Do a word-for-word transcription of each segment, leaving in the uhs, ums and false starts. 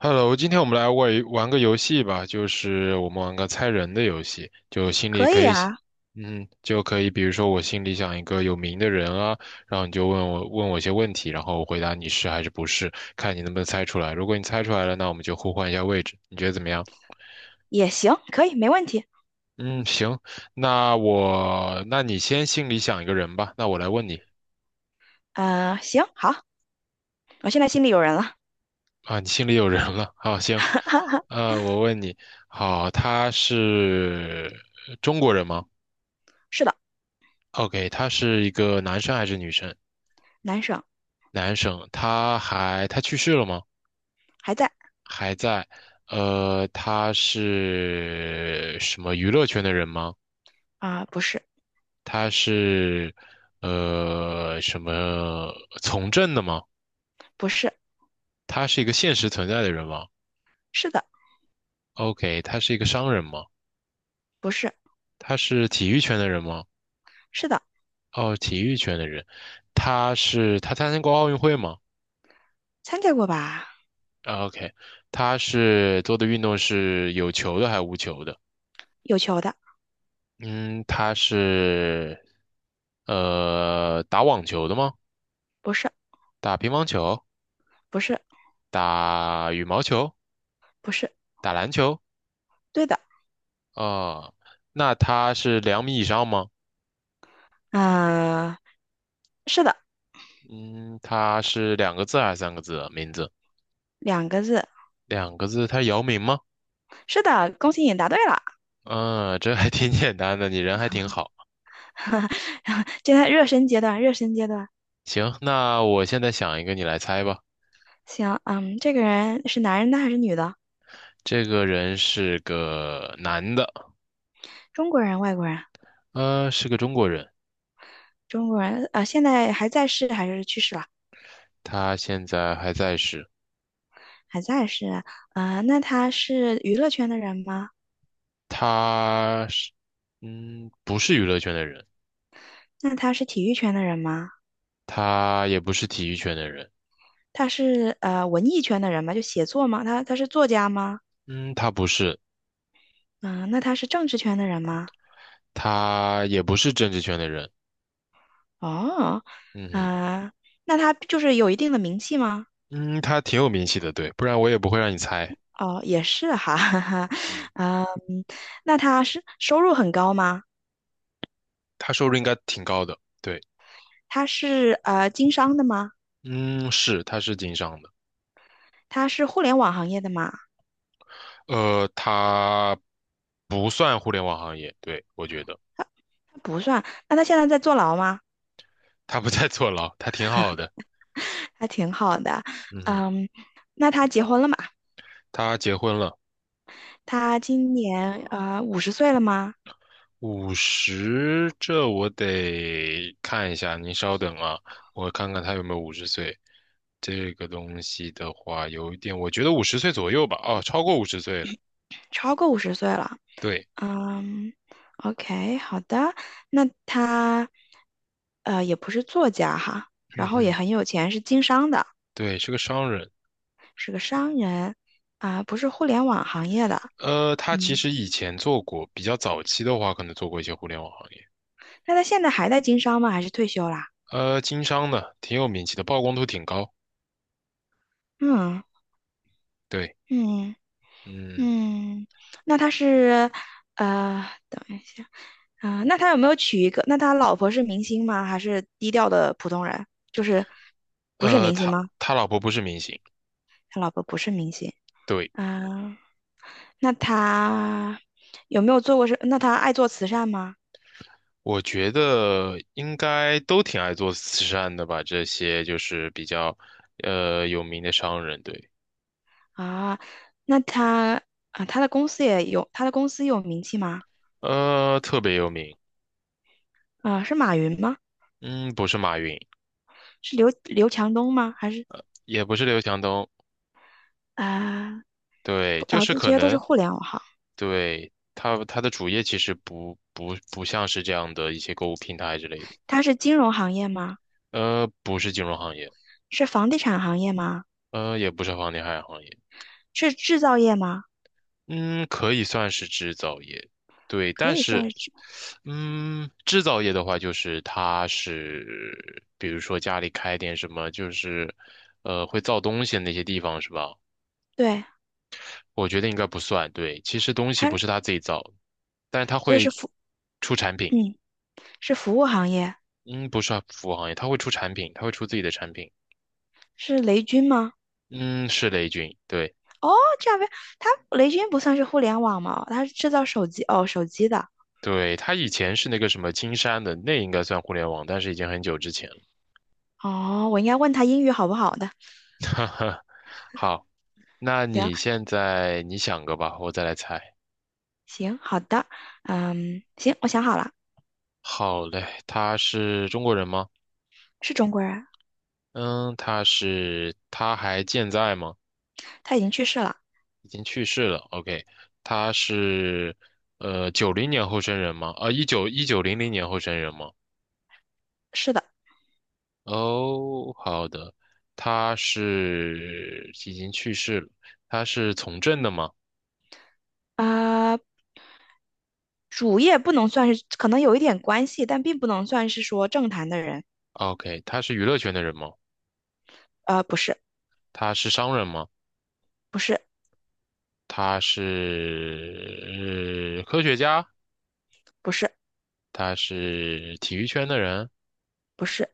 Hello，今天我们来玩玩个游戏吧，就是我们玩个猜人的游戏，就心里可可以以想啊，嗯，就可以，比如说我心里想一个有名的人啊，然后你就问我问我一些问题，然后我回答你是还是不是，看你能不能猜出来。如果你猜出来了，那我们就互换一下位置，你觉得怎么样？也行，可以，没问题。嗯，行，那我，那你先心里想一个人吧，那我来问你呃，行，好，我现在心里有人了。啊，你心里有人了，好，行，呃，我问你，好，他是中国人吗？是的，OK，他是一个男生还是女生？男生，男生，他还他去世了吗？还在。还在。呃，他是什么娱乐圈的人吗？啊、不是，他是呃什么从政的吗？不是，他是一个现实存在的人吗是的，？OK，他是一个商人吗？不是，他是体育圈的人吗？是的，哦，体育圈的人。他是他参加过奥运会吗？ 参加过吧？o k 他是做的运动是有球的还是无球的？有球的，嗯，他是呃打网球的吗？不是，打乒乓球？不是，打羽毛球？不是，打篮球？对的，啊、那他是两米以上吗？嗯、是的，嗯，他是两个字还是三个字啊名字两个字，两个字，他是姚明吗？是的，恭喜你答对了。嗯，这还挺 简单的，你人还挺好。现在热身阶段，热身阶段。行，那我现在想一个，你来猜吧。行，嗯，这个人是男人的还是女的？这个人是个男的，中国人，外国人？呃，是个中国人，中国人，呃，现在还在世还是去世了？他现在还在世。还在是啊，呃那他是娱乐圈的人吗？他是，嗯，不是娱乐圈的人，那他是体育圈的人吗？他也不是体育圈的人，他是呃文艺圈的人吗？就写作吗？他他是作家吗？嗯，他不是，嗯、那他是政治圈的人吗？他也不是政治圈的人，哦，嗯哼，啊、那他就是有一定的名气吗？嗯，他挺有名气的，对，不然我也不会让你猜，哦，也是哈，哈哈，嗯，嗯，那他是收入很高吗？他收入应该挺高的，对，他是呃经商的吗？嗯，是，他是经商的，他是互联网行业的吗？呃，他不算互联网行业，对，我觉得他不算，那他现在在坐牢吗？他不在 坐牢，他挺好的，还挺好的，嗯哼，嗯，那他结婚了吗？他结婚了。他今年呃五十岁了吗？五十，这我得看一下，您稍等啊，我看看他有没有五十岁。这个东西的话，有一点，我觉得五十岁左右吧，哦，超过五十岁了。超过五十岁了。对，嗯，OK，好的。那他呃也不是作家哈，然嗯后也哼，很有钱，是经商的，对，是个商人。是个商人啊，不是互联网行业的。呃，他其嗯，实以前做过，比较早期的话，可能做过一些互联网行业，那他现在还在经商吗？还是退休啦？呃，经商的，挺有名气的，曝光度挺高。嗯对，嗯。嗯，嗯，那他是，呃，等一下，啊、那他有没有娶一个？那他老婆是明星吗？还是低调的普通人？就是不是呃，明星他吗？他老婆不是明星，他老婆不是明星对。啊、那他有没有做过是？那他爱做慈善吗？我觉得应该都挺爱做慈善的吧，这些就是比较呃有名的商人，对，啊，那他啊，他的公司也有，他的公司有名气吗？呃，特别有名，啊，是马云吗？嗯，不是马云，是刘刘强东吗？还是也不是刘强东，啊？对，不就啊，是这可些都是能互联网行。对他他的主业其实不不不像是这样的一些购物平台之类的，他是金融行业吗？呃，不是金融行业，是房地产行业吗？呃，也不是房地产行业，是制造业吗？嗯，可以算是制造业，对，可但以是。算是制，嗯，制造业的话，就是它是，比如说家里开点什么，就是，呃，会造东西的那些地方是吧？对，我觉得应该不算，对，其实东西它，不是他自己造的，但是他所以是会服，出产品，嗯，是服务行业，嗯，不是服务行业，他会出产品，他会出自己的产品，是雷军吗？嗯，是雷军，对哦，这样呗，他雷军不算是互联网吗？他是制造手机，哦，手机的，对，他以前是那个什么金山的，那应该算互联网，但是已经很久之前了，哦，我应该问他英语好不好的。哈哈，好，那行你现在你想个吧，我再来猜。行，好的，嗯，行，我想好了，好嘞，他是中国人吗？是中国人，嗯，他是，他还健在吗？他已经去世了，已经去世了。OK，他是，呃，九零年后生人吗？啊，一九一九零零年后生人吗？是的，哦，好的，他是已经去世了。他是从政的吗啊、主业不能算是，可能有一点关系，但并不能算是说政坛的人，？OK，他是娱乐圈的人吗？呃，不是，他是商人吗？不是，他是，呃科学家？不是，他是体育圈的人？不是。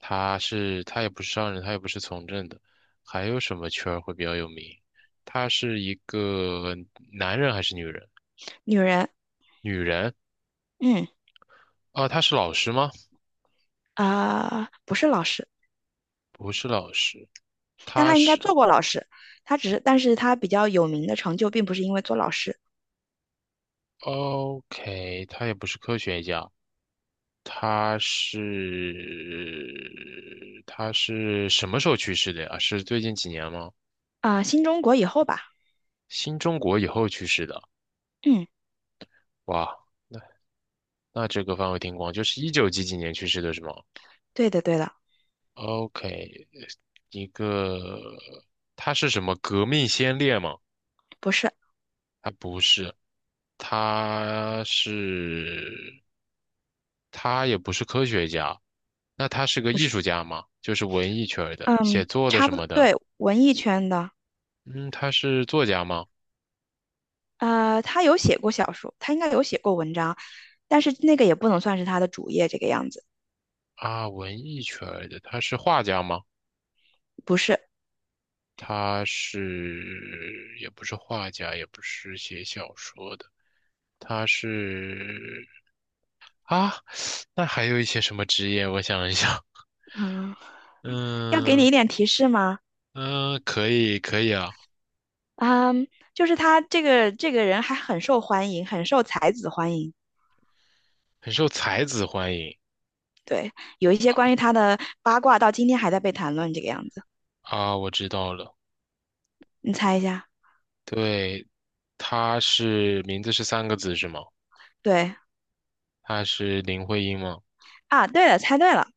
他是他也不是商人，他也不是从政的，还有什么圈儿会比较有名？他是一个男人还是女人？女人，女人嗯，啊，他是老师吗？啊、不是老师，不是老师，但他她应该是 做过老师。她只是，但是她比较有名的成就，并不是因为做老师。 OK，他也不是科学家，他是他是什么时候去世的呀？是最近几年吗？啊、新中国以后吧，新中国以后去世的，嗯，哇，那这个范围挺广，就是一九几几年去世的是吗？对的，对的，OK，一个，他是什么革命先烈吗？不是，他不是，他是，他也不是科学家，那他是个不艺是，术家吗？就是文艺圈儿的，嗯，写作的差什不多，么的。对，文艺圈的。嗯，他是作家吗？呃，她有写过小说，她应该有写过文章，但是那个也不能算是她的主业，这个样子，啊，文艺圈儿的，他是画家吗？不是。他是，也不是画家，也不是写小说的，他是啊，那还有一些什么职业？我想一想。嗯，要给你嗯一点提示吗？嗯，可以可以啊，嗯，就是他这个这个人还很受欢迎，很受才子欢迎。很受才子欢迎对，有一些关于他的八卦到今天还在被谈论，这个样子，啊，我知道了，你猜一下？对，他是名字是三个字是吗？对他是林徽因吗？啊，对了，猜对了，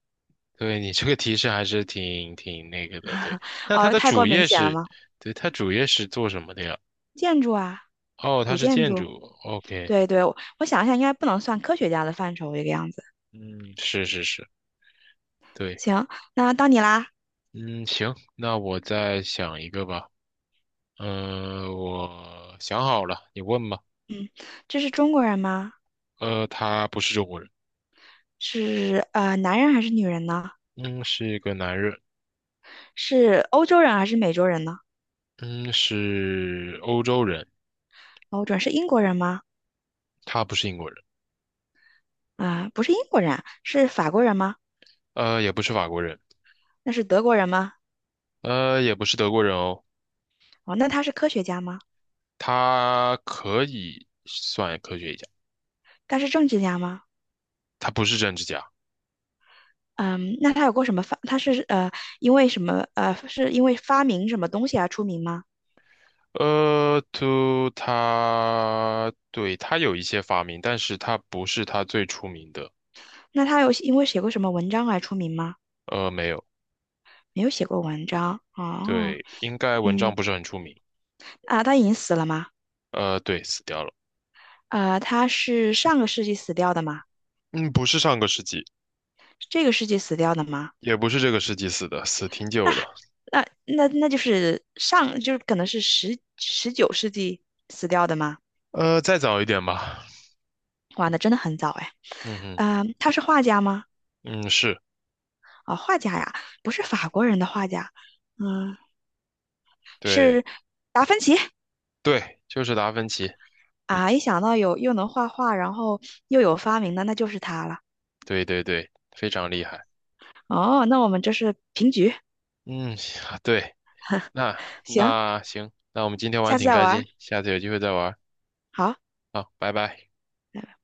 对你这个提示还是挺挺那个的，对。那他哦，的太过主明业显了是，吗？对，他主业是做什么的呀？建筑啊，哦，他古是建建筑，筑，OK，对对，我我想一下，应该不能算科学家的范畴，这个样子。嗯，是是是，对，行，那到你啦，嗯，行，那我再想一个吧，嗯、我想好了，你问吧。这是中国人吗？呃，他不是中国人。是呃，男人还是女人呢？嗯，是一个男人，是欧洲人还是美洲人呢？嗯，是欧洲人，欧洲人是英国人吗？他不是英国人，啊、不是英国人啊是法国人吗？呃，也不是法国人，那是德国人吗？呃，也不是德国人哦，哦，那他是科学家吗？他可以算科学家，他是政治家吗？他不是政治家，嗯，那他有过什么发？他是呃，因为什么呃，是因为发明什么东西而出名吗？呃，就他，对，他有一些发明，但是他不是他最出名的，那他有因为写过什么文章而出名吗？呃，没有，没有写过文章哦，对，应该文章嗯不是很出名，啊，他已经死了吗？呃，对，死掉了，啊，他是上个世纪死掉的吗？嗯，不是上个世纪，这个世纪死掉的吗？也不是这个世纪死的，死挺久那了，那那那就是上就是可能是十十九世纪死掉的吗？呃，再早一点吧，哇，那真的很早哎。嗯哼，嗯，他是画家吗？嗯，是。啊、画家呀，不是法国人的画家。嗯。对是达芬奇对，就是达芬奇，啊！一想到有又能画画，然后又有发明的，那就是他了。对对对，非常厉害。哦，那我们这是平局，嗯，行啊对，那行，那行，那我们今天玩下得次挺再开玩儿，心，下次有机会再玩好。拜好，拜拜。拜。